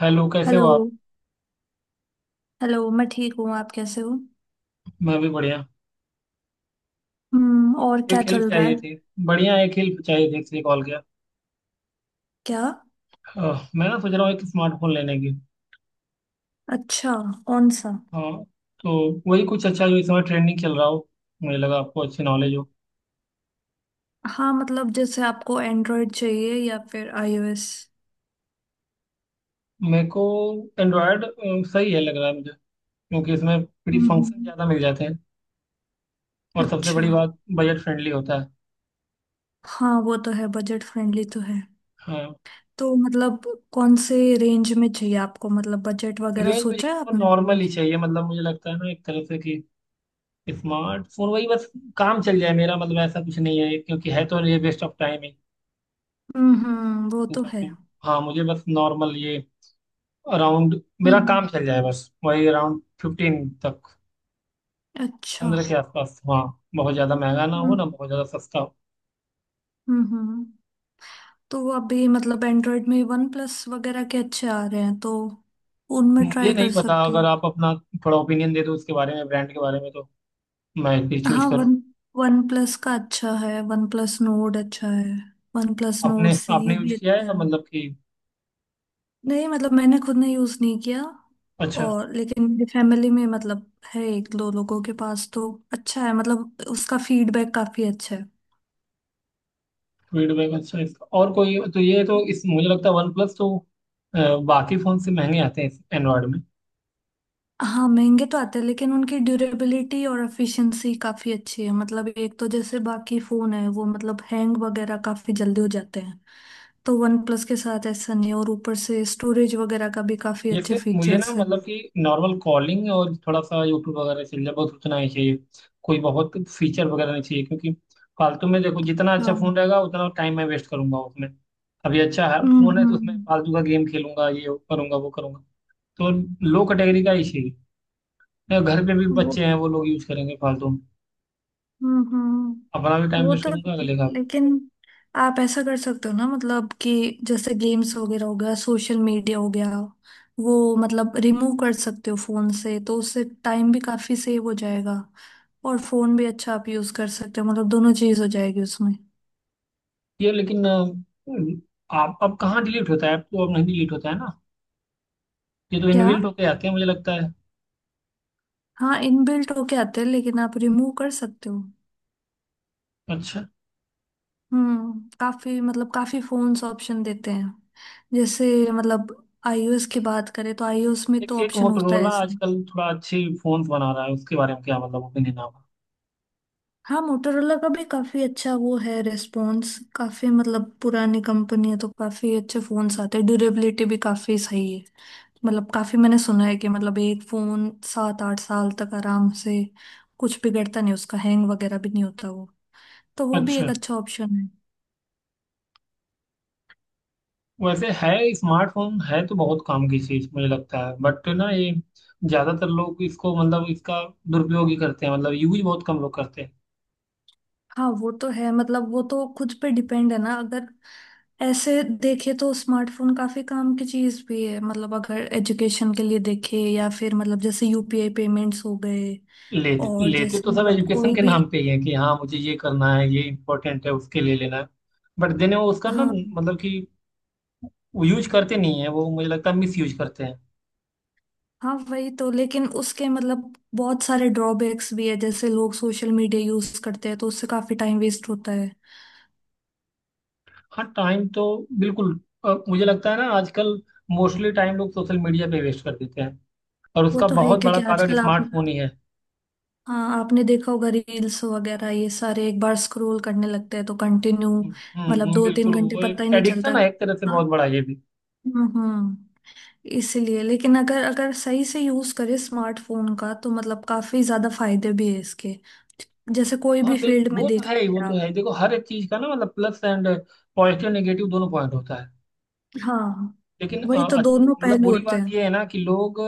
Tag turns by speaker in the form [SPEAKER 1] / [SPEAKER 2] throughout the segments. [SPEAKER 1] Hello, कैसे हो
[SPEAKER 2] hello.
[SPEAKER 1] आप।
[SPEAKER 2] हेलो, मैं ठीक हूँ। आप कैसे हो?
[SPEAKER 1] मैं भी बढ़िया।
[SPEAKER 2] हम्म। और क्या
[SPEAKER 1] एक हेल्प
[SPEAKER 2] चल रहा
[SPEAKER 1] चाहिए
[SPEAKER 2] है?
[SPEAKER 1] थी। बढ़िया, एक हेल्प चाहिए थी इसलिए कॉल किया।
[SPEAKER 2] क्या?
[SPEAKER 1] मैं ना सोच रहा हूँ एक स्मार्टफोन लेने की।
[SPEAKER 2] अच्छा। कौन सा?
[SPEAKER 1] हाँ, तो वही कुछ अच्छा जो इस समय ट्रेंडिंग चल रहा हो। मुझे लगा आपको अच्छी नॉलेज हो।
[SPEAKER 2] हाँ, मतलब जैसे आपको एंड्रॉयड चाहिए या फिर आईओएस?
[SPEAKER 1] मेरे को एंड्रॉयड सही है लग रहा है मुझे, क्योंकि इसमें फ्री
[SPEAKER 2] हम्म
[SPEAKER 1] फंक्शन
[SPEAKER 2] हम्म,
[SPEAKER 1] ज़्यादा मिल जाते हैं। और सबसे
[SPEAKER 2] अच्छा।
[SPEAKER 1] बड़ी बात, बजट फ्रेंडली होता है।
[SPEAKER 2] हाँ वो तो है, बजट फ्रेंडली तो है।
[SPEAKER 1] हाँ,
[SPEAKER 2] तो मतलब कौन से रेंज में चाहिए आपको? मतलब बजट वगैरह
[SPEAKER 1] रेंज
[SPEAKER 2] सोचा है
[SPEAKER 1] मुझे
[SPEAKER 2] आपने
[SPEAKER 1] नॉर्मल
[SPEAKER 2] कोई?
[SPEAKER 1] ही चाहिए, मतलब मुझे लगता है ना एक तरह से कि स्मार्टफोन वही, बस काम चल जाए मेरा, मतलब ऐसा कुछ नहीं है क्योंकि है तो ये वेस्ट ऑफ टाइम है।
[SPEAKER 2] वो तो है।
[SPEAKER 1] दुकान। हाँ, मुझे बस नॉर्मल ये अराउंड, मेरा काम
[SPEAKER 2] हम्म।
[SPEAKER 1] चल जाए, बस वही अराउंड 15 तक।
[SPEAKER 2] अच्छा।
[SPEAKER 1] 15 के आसपास, हाँ। बहुत ज़्यादा महंगा ना हो,
[SPEAKER 2] हम्म
[SPEAKER 1] ना बहुत ज़्यादा सस्ता हो।
[SPEAKER 2] हम्म हम्म। तो वो अभी मतलब एंड्रॉयड में वन प्लस वगैरह के अच्छे आ रहे हैं, तो उनमें
[SPEAKER 1] मुझे
[SPEAKER 2] ट्राई कर
[SPEAKER 1] नहीं पता,
[SPEAKER 2] सकती
[SPEAKER 1] अगर
[SPEAKER 2] हूँ।
[SPEAKER 1] आप अपना थोड़ा ओपिनियन दे दो इसके बारे में, ब्रांड के बारे में, तो मैं फिर चूज
[SPEAKER 2] हाँ,
[SPEAKER 1] करूँ।
[SPEAKER 2] वन वन प्लस का अच्छा है, वन प्लस नोड अच्छा है, वन प्लस
[SPEAKER 1] आपने
[SPEAKER 2] नोड
[SPEAKER 1] आपने
[SPEAKER 2] सी
[SPEAKER 1] यूज
[SPEAKER 2] भी
[SPEAKER 1] किया
[SPEAKER 2] अच्छा है।
[SPEAKER 1] है मतलब कि।
[SPEAKER 2] नहीं, मतलब मैंने खुद ने यूज़ नहीं किया।
[SPEAKER 1] अच्छा।
[SPEAKER 2] और लेकिन मेरी फैमिली में मतलब है, एक दो लोगों के पास तो अच्छा है, मतलब उसका फीडबैक काफ़ी अच्छा है।
[SPEAKER 1] फीडबैक अच्छा है इसका और कोई, तो ये तो इस, मुझे लगता है वन प्लस तो अ, बाकी फ़ोन से महंगे आते हैं एंड्रॉयड में।
[SPEAKER 2] हाँ महंगे तो आते हैं, लेकिन उनकी ड्यूरेबिलिटी और एफिशिएंसी काफी अच्छी है। मतलब एक तो जैसे बाकी फोन है वो मतलब हैंग वगैरह काफी जल्दी हो जाते हैं। तो वन प्लस के साथ ऐसा नहीं है, और ऊपर से स्टोरेज वगैरह का भी काफी अच्छे
[SPEAKER 1] जैसे मुझे ना
[SPEAKER 2] फीचर्स है।
[SPEAKER 1] मतलब कि नॉर्मल कॉलिंग और थोड़ा सा यूट्यूब वगैरह से, बहुत उतना ही चाहिए। कोई बहुत फीचर वगैरह नहीं चाहिए, क्योंकि फालतू में, देखो जितना
[SPEAKER 2] अच्छा।
[SPEAKER 1] अच्छा फोन रहेगा उतना टाइम मैं वेस्ट करूंगा उसमें। अभी अच्छा है
[SPEAKER 2] हम्म
[SPEAKER 1] फोन है तो उसमें
[SPEAKER 2] हम्म।
[SPEAKER 1] फालतू का गेम खेलूंगा, ये करूंगा, वो करूंगा। तो लो कैटेगरी का ही चाहिए, या घर पे भी
[SPEAKER 2] वो
[SPEAKER 1] बच्चे हैं वो लोग यूज करेंगे फालतू में। अपना भी
[SPEAKER 2] हम्म,
[SPEAKER 1] टाइम
[SPEAKER 2] वो
[SPEAKER 1] वेस्ट
[SPEAKER 2] तो।
[SPEAKER 1] करूंगा, अगले का भी।
[SPEAKER 2] लेकिन आप ऐसा कर सकते हो ना, मतलब कि जैसे गेम्स वगैरह हो गया, सोशल मीडिया हो गया, वो मतलब रिमूव कर सकते हो फोन से, तो उससे टाइम भी काफी सेव हो जाएगा, और फोन भी अच्छा आप यूज कर सकते हो। मतलब दोनों चीज हो जाएगी उसमें।
[SPEAKER 1] ये लेकिन आप, अब कहाँ डिलीट होता है ऐप, तो अब नहीं डिलीट होता है ना। ये तो
[SPEAKER 2] क्या?
[SPEAKER 1] इनबिल्ट होके आते हैं मुझे लगता है।
[SPEAKER 2] हाँ इनबिल्ट होके आते हैं, लेकिन आप रिमूव कर सकते हो।
[SPEAKER 1] अच्छा।
[SPEAKER 2] हम्म, काफी मतलब काफी फोन्स ऑप्शन देते हैं। जैसे मतलब आईओएस की बात करें तो आईओएस में
[SPEAKER 1] एक
[SPEAKER 2] तो
[SPEAKER 1] एक
[SPEAKER 2] ऑप्शन होता है
[SPEAKER 1] मोटरोला
[SPEAKER 2] ऐसा।
[SPEAKER 1] आजकल थोड़ा अच्छी फोन बना रहा है, उसके बारे में क्या मतलब ओपिनियन आपका।
[SPEAKER 2] हाँ मोटोरोला का भी काफी अच्छा वो है, रिस्पॉन्स काफी, मतलब पुरानी कंपनी है तो काफी अच्छे फोन्स आते हैं, ड्यूरेबिलिटी भी काफी सही है। मतलब काफी मैंने सुना है कि मतलब एक फोन 7 8 साल तक आराम से, कुछ बिगड़ता नहीं उसका, हैंग वगैरह भी नहीं होता वो। तो वो भी एक
[SPEAKER 1] अच्छा,
[SPEAKER 2] अच्छा ऑप्शन है।
[SPEAKER 1] वैसे है, स्मार्टफोन है तो बहुत काम की चीज मुझे लगता है, बट ना ये ज्यादातर लोग इसको मतलब इसका दुरुपयोग ही करते हैं, मतलब यूज बहुत कम लोग करते हैं।
[SPEAKER 2] हाँ वो तो है, मतलब वो तो खुद पे डिपेंड है ना, अगर ऐसे देखे तो स्मार्टफोन काफी काम की चीज भी है। मतलब अगर एजुकेशन के लिए देखे, या फिर मतलब जैसे यूपीआई पेमेंट्स हो गए,
[SPEAKER 1] लेते
[SPEAKER 2] और
[SPEAKER 1] लेते
[SPEAKER 2] जैसे
[SPEAKER 1] तो सब
[SPEAKER 2] मतलब
[SPEAKER 1] एजुकेशन
[SPEAKER 2] कोई
[SPEAKER 1] के
[SPEAKER 2] भी।
[SPEAKER 1] नाम पे ही है कि हाँ मुझे ये करना है, ये इम्पोर्टेंट है, उसके लिए लेना है। बट देने, वो उसका ना
[SPEAKER 2] हाँ।
[SPEAKER 1] मतलब कि वो यूज करते नहीं है, वो मुझे लगता है मिस यूज करते हैं।
[SPEAKER 2] हाँ वही तो। लेकिन उसके मतलब बहुत सारे ड्रॉबैक्स भी है, जैसे लोग सोशल मीडिया यूज करते हैं तो उससे काफी टाइम वेस्ट होता है।
[SPEAKER 1] हाँ, टाइम तो बिल्कुल। मुझे लगता है ना आजकल मोस्टली टाइम लोग सोशल मीडिया पे वेस्ट कर देते हैं, और
[SPEAKER 2] वो
[SPEAKER 1] उसका
[SPEAKER 2] तो है,
[SPEAKER 1] बहुत बड़ा
[SPEAKER 2] क्योंकि
[SPEAKER 1] कारण
[SPEAKER 2] आजकल आप,
[SPEAKER 1] स्मार्टफोन ही है।
[SPEAKER 2] हाँ आपने देखा होगा रील्स वगैरह ये सारे एक बार स्क्रॉल करने लगते हैं तो कंटिन्यू,
[SPEAKER 1] हम्म
[SPEAKER 2] मतलब दो तीन
[SPEAKER 1] बिल्कुल
[SPEAKER 2] घंटे
[SPEAKER 1] वो
[SPEAKER 2] पता
[SPEAKER 1] एक
[SPEAKER 2] ही नहीं चलता।
[SPEAKER 1] एडिक्शन है एक तरह से, बहुत
[SPEAKER 2] हाँ।
[SPEAKER 1] बड़ा ये भी।
[SPEAKER 2] हम्म। इसलिए लेकिन अगर अगर सही से यूज करे स्मार्टफोन का तो मतलब काफी ज्यादा फायदे भी है इसके। जैसे कोई
[SPEAKER 1] हाँ
[SPEAKER 2] भी फील्ड
[SPEAKER 1] बिल्कुल,
[SPEAKER 2] में
[SPEAKER 1] वो तो
[SPEAKER 2] देख
[SPEAKER 1] है ही, वो
[SPEAKER 2] लीजिए।
[SPEAKER 1] तो है ही। देखो हर एक चीज का ना मतलब प्लस एंड, पॉजिटिव नेगेटिव दोनों पॉइंट होता है।
[SPEAKER 2] हाँ
[SPEAKER 1] लेकिन
[SPEAKER 2] वही तो, दोनों
[SPEAKER 1] मतलब
[SPEAKER 2] पहलू
[SPEAKER 1] बुरी
[SPEAKER 2] होते
[SPEAKER 1] बात
[SPEAKER 2] हैं।
[SPEAKER 1] ये है ना कि लोग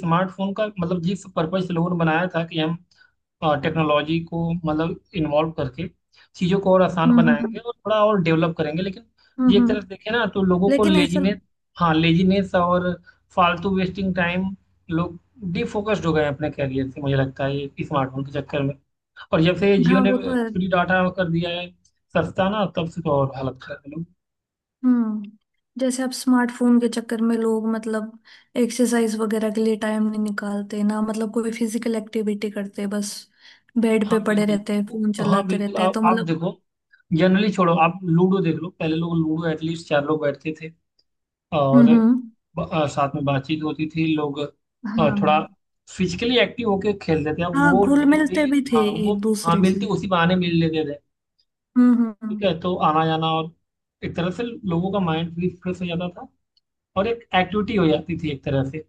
[SPEAKER 1] स्मार्टफोन का मतलब, जिस पर्पज से लोगों ने बनाया था कि हम टेक्नोलॉजी को मतलब इन्वॉल्व करके चीज़ों को और आसान
[SPEAKER 2] हम्म
[SPEAKER 1] बनाएंगे और थोड़ा और डेवलप करेंगे, लेकिन
[SPEAKER 2] हम्म
[SPEAKER 1] ये एक
[SPEAKER 2] हम्म।
[SPEAKER 1] तरह से देखें ना तो लोगों को
[SPEAKER 2] लेकिन ऐसा,
[SPEAKER 1] लेजीनेस। हाँ, लेजीनेस और फालतू वेस्टिंग टाइम, लोग डिफोकस्ड हो गए हैं अपने कैरियर से मुझे लगता है ये स्मार्टफोन के चक्कर में। और जब से जियो
[SPEAKER 2] हाँ
[SPEAKER 1] ने
[SPEAKER 2] वो तो है।
[SPEAKER 1] फ्री डाटा कर दिया है, सस्ता ना, तब से तो और हालत खराब है लोग।
[SPEAKER 2] हम्म। जैसे आप, स्मार्टफोन के चक्कर में लोग मतलब एक्सरसाइज वगैरह के लिए टाइम नहीं निकालते ना, मतलब कोई फिजिकल एक्टिविटी करते, बस बेड पे
[SPEAKER 1] हाँ
[SPEAKER 2] पड़े
[SPEAKER 1] बिल्कुल,
[SPEAKER 2] रहते हैं फोन
[SPEAKER 1] हाँ
[SPEAKER 2] चलाते
[SPEAKER 1] बिल्कुल,
[SPEAKER 2] रहते हैं, तो
[SPEAKER 1] आप
[SPEAKER 2] मतलब।
[SPEAKER 1] देखो, जनरली छोड़ो, आप लूडो देख लो, पहले लोग लूडो एटलीस्ट चार लोग बैठते थे, और
[SPEAKER 2] हम्म।
[SPEAKER 1] साथ में बातचीत होती थी लोग,
[SPEAKER 2] हाँ,
[SPEAKER 1] थोड़ा फिजिकली एक्टिव होके खेलते थे, अब
[SPEAKER 2] हाँ
[SPEAKER 1] वो
[SPEAKER 2] घुल
[SPEAKER 1] लूडो भी।
[SPEAKER 2] मिलते भी थे
[SPEAKER 1] हाँ, वो,
[SPEAKER 2] एक
[SPEAKER 1] हाँ
[SPEAKER 2] दूसरे
[SPEAKER 1] मिलती,
[SPEAKER 2] से।
[SPEAKER 1] उसी बहाने मिल लेते थे। ठीक
[SPEAKER 2] हम्म।
[SPEAKER 1] है, तो आना जाना और एक तरह से लोगों का माइंड भी फ्रेश हो जाता था, और एक एक्टिविटी हो जाती थी एक तरह से।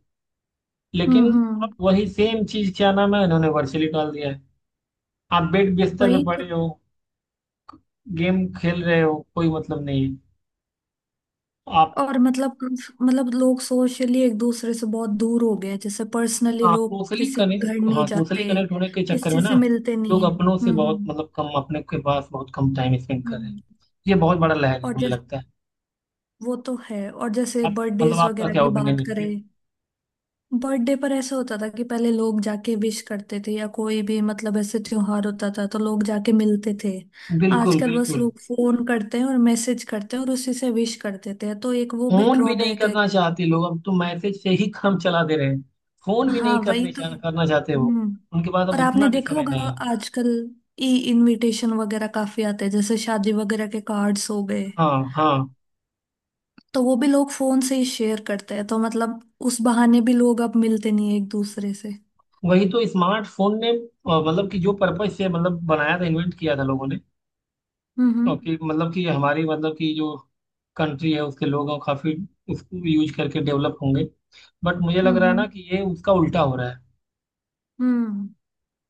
[SPEAKER 1] लेकिन
[SPEAKER 2] हम्म,
[SPEAKER 1] अब वही सेम चीज, क्या नाम है, इन्होंने वर्चुअली डाल दिया है। आप बेड बिस्तर
[SPEAKER 2] वही
[SPEAKER 1] पे
[SPEAKER 2] तो।
[SPEAKER 1] पड़े हो, गेम खेल रहे हो, कोई मतलब नहीं है। आप,
[SPEAKER 2] और मतलब, मतलब लोग सोशली एक दूसरे से बहुत दूर हो गए हैं, जैसे पर्सनली
[SPEAKER 1] हाँ,
[SPEAKER 2] लोग
[SPEAKER 1] सोशली
[SPEAKER 2] किसी के घर
[SPEAKER 1] कनेक्ट, हाँ,
[SPEAKER 2] नहीं
[SPEAKER 1] सोशली
[SPEAKER 2] जाते,
[SPEAKER 1] कनेक्ट होने के चक्कर में
[SPEAKER 2] किसी
[SPEAKER 1] ना,
[SPEAKER 2] से मिलते
[SPEAKER 1] लोग
[SPEAKER 2] नहीं है।
[SPEAKER 1] अपनों से बहुत
[SPEAKER 2] हम्म।
[SPEAKER 1] मतलब कम, अपने के पास बहुत कम टाइम स्पेंड कर रहे हैं।
[SPEAKER 2] हम्म।
[SPEAKER 1] ये बहुत बड़ा लहर है
[SPEAKER 2] और
[SPEAKER 1] मुझे
[SPEAKER 2] जैसे,
[SPEAKER 1] लगता है।
[SPEAKER 2] वो तो है, और जैसे
[SPEAKER 1] आप, मतलब
[SPEAKER 2] बर्थडेज
[SPEAKER 1] आपका
[SPEAKER 2] वगैरह
[SPEAKER 1] क्या
[SPEAKER 2] की
[SPEAKER 1] ओपिनियन
[SPEAKER 2] बात
[SPEAKER 1] इस पे।
[SPEAKER 2] करें, बर्थडे पर ऐसा होता था कि पहले लोग जाके विश करते थे, या कोई भी मतलब ऐसे त्योहार होता था तो लोग जाके मिलते थे।
[SPEAKER 1] बिल्कुल
[SPEAKER 2] आजकल बस
[SPEAKER 1] बिल्कुल।
[SPEAKER 2] लोग फोन करते हैं और मैसेज करते हैं, और उसी से विश कर देते हैं, तो एक वो भी
[SPEAKER 1] फोन भी नहीं
[SPEAKER 2] ड्रॉबैक है।
[SPEAKER 1] करना चाहते लोग अब तो, मैसेज से ही काम चला दे रहे हैं। फोन भी नहीं
[SPEAKER 2] हाँ वही
[SPEAKER 1] करने
[SPEAKER 2] तो।
[SPEAKER 1] करना चाहते वो।
[SPEAKER 2] हम्म।
[SPEAKER 1] उनके पास अब
[SPEAKER 2] और आपने
[SPEAKER 1] उतना भी
[SPEAKER 2] देखा
[SPEAKER 1] समय
[SPEAKER 2] होगा
[SPEAKER 1] नहीं है।
[SPEAKER 2] आजकल ई इनविटेशन वगैरह काफी आते हैं, जैसे शादी वगैरह के कार्ड्स हो गए,
[SPEAKER 1] हाँ हाँ,
[SPEAKER 2] तो वो भी लोग फोन से ही शेयर करते हैं, तो मतलब उस बहाने भी लोग अब मिलते नहीं है एक दूसरे से।
[SPEAKER 1] वही तो। स्मार्टफोन ने मतलब कि जो पर्पज से मतलब बनाया था, इन्वेंट किया था लोगों ने,
[SPEAKER 2] हम्म
[SPEAKER 1] और कि मतलब कि हमारी मतलब कि जो कंट्री है, उसके लोग हैं, काफी उसको यूज करके डेवलप होंगे, बट मुझे लग रहा है
[SPEAKER 2] हम्म।
[SPEAKER 1] ना कि ये उसका उल्टा हो रहा है।
[SPEAKER 2] हम्म,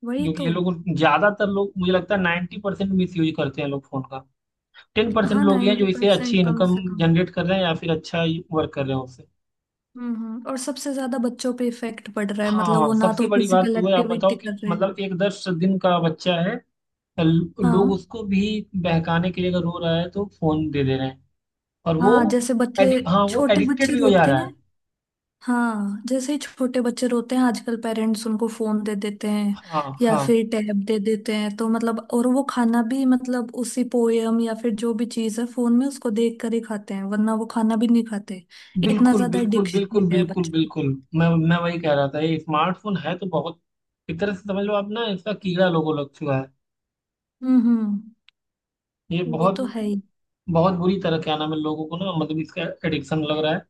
[SPEAKER 2] वही
[SPEAKER 1] क्योंकि
[SPEAKER 2] तो।
[SPEAKER 1] ये लोग, ज्यादातर लोग मुझे लगता है 90% मिस यूज करते हैं, लोग फोन का। 10%
[SPEAKER 2] हाँ
[SPEAKER 1] लोग ही हैं
[SPEAKER 2] नाइन्टी
[SPEAKER 1] जो इसे अच्छी
[SPEAKER 2] परसेंट कम
[SPEAKER 1] इनकम
[SPEAKER 2] से कम।
[SPEAKER 1] जनरेट कर रहे हैं, या फिर अच्छा वर्क कर रहे हैं उससे।
[SPEAKER 2] हम्म, और सबसे ज्यादा बच्चों पे इफेक्ट पड़ रहा है, मतलब
[SPEAKER 1] हाँ,
[SPEAKER 2] वो ना
[SPEAKER 1] सबसे
[SPEAKER 2] तो
[SPEAKER 1] बड़ी बात
[SPEAKER 2] फिजिकल
[SPEAKER 1] तो है, आप बताओ
[SPEAKER 2] एक्टिविटी
[SPEAKER 1] कि
[SPEAKER 2] कर रहे हैं।
[SPEAKER 1] मतलब एक 10 दिन का बच्चा है, लोग
[SPEAKER 2] हाँ।
[SPEAKER 1] उसको भी बहकाने के लिए, अगर रो रहा है तो फोन दे दे रहे हैं, और
[SPEAKER 2] हाँ
[SPEAKER 1] वो
[SPEAKER 2] जैसे बच्चे,
[SPEAKER 1] एडिक हाँ, वो
[SPEAKER 2] छोटे
[SPEAKER 1] एडिक्टेड
[SPEAKER 2] बच्चे
[SPEAKER 1] भी हो जा
[SPEAKER 2] रोते
[SPEAKER 1] रहा
[SPEAKER 2] हैं।
[SPEAKER 1] है।
[SPEAKER 2] हाँ जैसे ही छोटे बच्चे रोते हैं आजकल पेरेंट्स उनको फोन दे देते हैं,
[SPEAKER 1] हाँ
[SPEAKER 2] या
[SPEAKER 1] हाँ
[SPEAKER 2] फिर टैब दे देते हैं, तो मतलब, और वो खाना भी मतलब उसी पोयम या फिर जो भी चीज है फोन में उसको देख कर ही खाते हैं, वरना वो खाना भी नहीं खाते। इतना
[SPEAKER 1] बिल्कुल
[SPEAKER 2] ज्यादा
[SPEAKER 1] बिल्कुल
[SPEAKER 2] एडिक्शन हो
[SPEAKER 1] बिल्कुल
[SPEAKER 2] गया है
[SPEAKER 1] बिल्कुल
[SPEAKER 2] बच्चों को।
[SPEAKER 1] बिल्कुल। मैं वही कह रहा था, ये स्मार्टफोन है तो बहुत एक तरह से समझ लो, आप ना इसका कीड़ा लोगों लग चुका है।
[SPEAKER 2] हम्म।
[SPEAKER 1] ये
[SPEAKER 2] वो
[SPEAKER 1] बहुत
[SPEAKER 2] तो है ही।
[SPEAKER 1] बहुत बुरी तरह, क्या नाम है, लोगों को ना मतलब इसका एडिक्शन लग रहा है।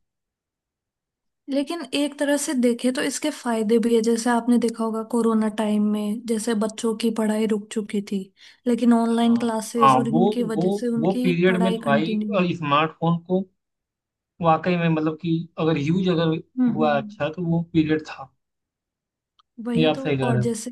[SPEAKER 2] लेकिन एक तरह से देखे तो इसके फायदे भी है, जैसे आपने देखा होगा कोरोना टाइम में जैसे बच्चों की पढ़ाई रुक चुकी थी, लेकिन ऑनलाइन
[SPEAKER 1] हाँ
[SPEAKER 2] क्लासेस
[SPEAKER 1] हाँ,
[SPEAKER 2] और इनकी वजह से
[SPEAKER 1] वो
[SPEAKER 2] उनकी
[SPEAKER 1] पीरियड में
[SPEAKER 2] पढ़ाई
[SPEAKER 1] तो भाई
[SPEAKER 2] कंटिन्यू हुई।
[SPEAKER 1] स्मार्टफोन को वाकई में मतलब कि, अगर यूज अगर हुआ
[SPEAKER 2] हम्म,
[SPEAKER 1] अच्छा तो वो पीरियड था। ये
[SPEAKER 2] वही
[SPEAKER 1] आप
[SPEAKER 2] तो,
[SPEAKER 1] सही कह
[SPEAKER 2] और
[SPEAKER 1] रहे हो।
[SPEAKER 2] जैसे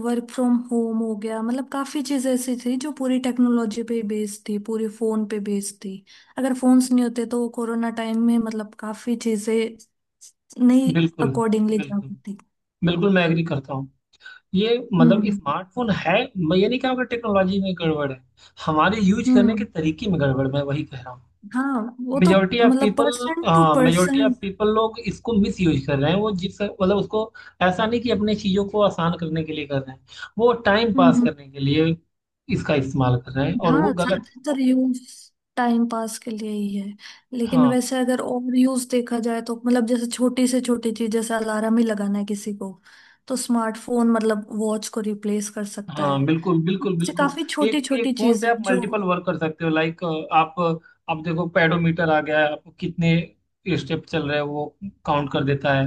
[SPEAKER 2] वर्क फ्रॉम होम हो गया, मतलब काफी चीजें ऐसी थी जो पूरी टेक्नोलॉजी पे बेस्ड थी, पूरी फोन पे बेस्ड थी। अगर फोन्स नहीं होते तो कोरोना टाइम में मतलब काफी चीजें नहीं
[SPEAKER 1] बिल्कुल,
[SPEAKER 2] अकॉर्डिंगली जा
[SPEAKER 1] बिल्कुल,
[SPEAKER 2] पाती।
[SPEAKER 1] बिल्कुल मैं एग्री करता हूँ। ये मतलब
[SPEAKER 2] हम्म।
[SPEAKER 1] स्मार्टफोन है, मैं ये नहीं कह रहा हूँ कि टेक्नोलॉजी में गड़बड़ है, हमारे यूज करने के
[SPEAKER 2] हम्म।
[SPEAKER 1] तरीके में गड़बड़, मैं वही कह रहा हूँ।
[SPEAKER 2] हाँ वो तो,
[SPEAKER 1] मेजोरिटी ऑफ
[SPEAKER 2] मतलब
[SPEAKER 1] people,
[SPEAKER 2] person to
[SPEAKER 1] majority
[SPEAKER 2] person.
[SPEAKER 1] Of people, लोग इसको मिस यूज कर रहे हैं, वो जिस मतलब उसको, ऐसा नहीं कि अपने चीजों को आसान करने के लिए कर रहे हैं, वो टाइम
[SPEAKER 2] हम्म
[SPEAKER 1] पास
[SPEAKER 2] हम्म।
[SPEAKER 1] करने के लिए इसका इस्तेमाल कर रहे हैं, और वो
[SPEAKER 2] हाँ
[SPEAKER 1] गलत है।
[SPEAKER 2] ज्यादातर यूज टाइम पास के लिए ही है। लेकिन
[SPEAKER 1] हाँ,
[SPEAKER 2] वैसे अगर ओवर यूज देखा जाए, तो मतलब जैसे छोटी से छोटी चीज, जैसे अलार्म ही लगाना है किसी को, तो स्मार्टफोन मतलब वॉच को रिप्लेस कर सकता है।
[SPEAKER 1] हाँ बिल्कुल बिल्कुल
[SPEAKER 2] इससे
[SPEAKER 1] बिल्कुल।
[SPEAKER 2] काफी छोटी
[SPEAKER 1] एक एक
[SPEAKER 2] छोटी
[SPEAKER 1] फोन
[SPEAKER 2] चीज
[SPEAKER 1] से
[SPEAKER 2] है
[SPEAKER 1] आप
[SPEAKER 2] जो,
[SPEAKER 1] मल्टीपल वर्क कर सकते हो, लाइक आप आप देखो पेडोमीटर आ गया है, आपको कितने स्टेप चल रहे हैं वो काउंट कर देता है।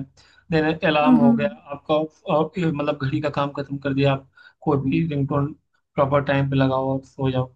[SPEAKER 1] देन अलार्म
[SPEAKER 2] हम्म
[SPEAKER 1] हो गया
[SPEAKER 2] हम्म
[SPEAKER 1] आपका, मतलब घड़ी का काम खत्म कर दिया आप। कोई भी रिंगटोन प्रॉपर टाइम पे लगाओ और सो जाओ।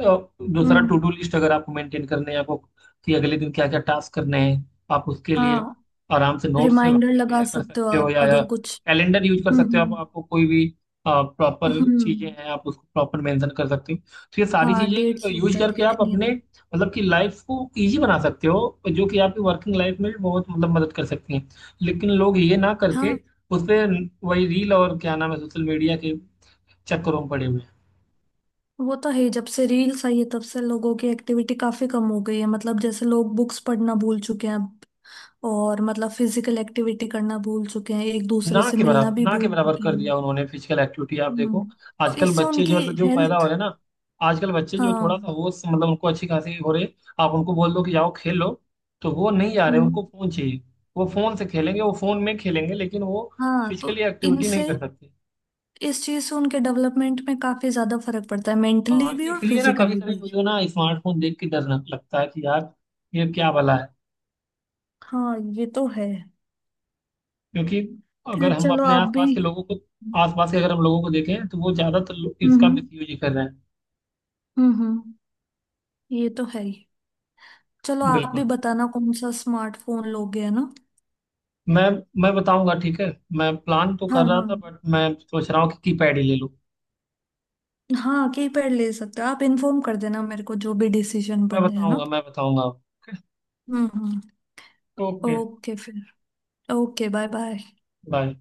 [SPEAKER 1] अ, दूसरा,
[SPEAKER 2] हम्म,
[SPEAKER 1] टू डू लिस्ट अगर आपको मेंटेन करने हैं, आपको कि अगले दिन क्या क्या टास्क करने हैं, आप उसके लिए
[SPEAKER 2] हाँ
[SPEAKER 1] आराम से नोट्स
[SPEAKER 2] रिमाइंडर लगा
[SPEAKER 1] प्रिपेयर कर
[SPEAKER 2] सकते हो
[SPEAKER 1] सकते हो,
[SPEAKER 2] आप
[SPEAKER 1] या
[SPEAKER 2] अगर कुछ।
[SPEAKER 1] कैलेंडर यूज कर सकते हो आप,
[SPEAKER 2] हम्म।
[SPEAKER 1] आपको कोई भी प्रॉपर चीजें
[SPEAKER 2] हम्म।
[SPEAKER 1] हैं आप उसको प्रॉपर मेंशन कर सकते हो, तो ये सारी
[SPEAKER 2] हाँ
[SPEAKER 1] चीजें
[SPEAKER 2] डेट्स
[SPEAKER 1] यूज
[SPEAKER 2] वगैरह
[SPEAKER 1] करके आप
[SPEAKER 2] देखनी है
[SPEAKER 1] अपने
[SPEAKER 2] तो।
[SPEAKER 1] मतलब कि लाइफ को इजी बना सकते हो, जो कि आपकी वर्किंग लाइफ में बहुत मतलब मदद कर सकती हैं। लेकिन लोग ये ना करके
[SPEAKER 2] हाँ,
[SPEAKER 1] उस पे वही रील और क्या नाम है सोशल मीडिया के चक्करों में पड़े हुए हैं।
[SPEAKER 2] वो तो है ही, जब से रील्स आई है तब से लोगों की एक्टिविटी काफी कम हो गई है, मतलब जैसे लोग बुक्स पढ़ना भूल चुके हैं अब, और मतलब फिजिकल एक्टिविटी करना भूल चुके हैं, एक
[SPEAKER 1] ना
[SPEAKER 2] दूसरे से
[SPEAKER 1] के
[SPEAKER 2] मिलना
[SPEAKER 1] बराबर,
[SPEAKER 2] भी
[SPEAKER 1] ना के
[SPEAKER 2] भूल
[SPEAKER 1] बराबर
[SPEAKER 2] चुके
[SPEAKER 1] कर
[SPEAKER 2] हैं।
[SPEAKER 1] दिया उन्होंने फिजिकल एक्टिविटी। आप
[SPEAKER 2] हम्म।
[SPEAKER 1] देखो
[SPEAKER 2] तो
[SPEAKER 1] आजकल
[SPEAKER 2] इससे
[SPEAKER 1] बच्चे
[SPEAKER 2] उनकी
[SPEAKER 1] जो, मतलब जो पैदा हो
[SPEAKER 2] हेल्थ।
[SPEAKER 1] रहे हैं ना, आजकल बच्चे जो थोड़ा
[SPEAKER 2] हाँ।
[SPEAKER 1] सा होश मतलब उनको अच्छी खासी हो रही है, आप उनको बोल दो कि जाओ खेल लो तो वो नहीं जा रहे,
[SPEAKER 2] हम्म।
[SPEAKER 1] उनको फोन चाहिए। वो फोन से खेलेंगे, वो फोन में खेलेंगे, लेकिन वो
[SPEAKER 2] हाँ तो
[SPEAKER 1] फिजिकली एक्टिविटी नहीं
[SPEAKER 2] इनसे,
[SPEAKER 1] कर सकते।
[SPEAKER 2] इस चीज से उनके डेवलपमेंट में काफी ज्यादा फर्क पड़ता है,
[SPEAKER 1] हाँ,
[SPEAKER 2] मेंटली भी और
[SPEAKER 1] इसलिए ना कभी
[SPEAKER 2] फिजिकली
[SPEAKER 1] कभी
[SPEAKER 2] भी।
[SPEAKER 1] मुझे ना स्मार्टफोन देख के डर लगता है कि यार ये क्या भला है,
[SPEAKER 2] हाँ ये तो है।
[SPEAKER 1] क्योंकि अगर
[SPEAKER 2] खैर
[SPEAKER 1] हम
[SPEAKER 2] चलो
[SPEAKER 1] अपने
[SPEAKER 2] आप भी।
[SPEAKER 1] आसपास के लोगों
[SPEAKER 2] हम्म
[SPEAKER 1] को, आसपास के अगर हम लोगों को देखें, तो वो ज्यादातर लोग इसका
[SPEAKER 2] हम्म
[SPEAKER 1] मिसयूज ही कर रहे हैं।
[SPEAKER 2] हम्म हम्म, ये तो है ही। चलो आप
[SPEAKER 1] बिल्कुल।
[SPEAKER 2] भी बताना कौन सा स्मार्टफोन लोगे, है ना?
[SPEAKER 1] मैं मैं बताऊंगा, ठीक है। मैं प्लान तो
[SPEAKER 2] हाँ
[SPEAKER 1] कर रहा
[SPEAKER 2] हाँ।
[SPEAKER 1] था बट मैं सोच रहा हूँ कि कीपैड ही ले लूँ।
[SPEAKER 2] हाँ कीपैड ले सकते हो आप, इन्फॉर्म कर देना मेरे को जो भी डिसीजन
[SPEAKER 1] मैं
[SPEAKER 2] बने, है ना?
[SPEAKER 1] बताऊंगा, मैं बताऊंगा।
[SPEAKER 2] हम्म।
[SPEAKER 1] ओके।
[SPEAKER 2] ओके फिर, ओके, बाय बाय।
[SPEAKER 1] बाय।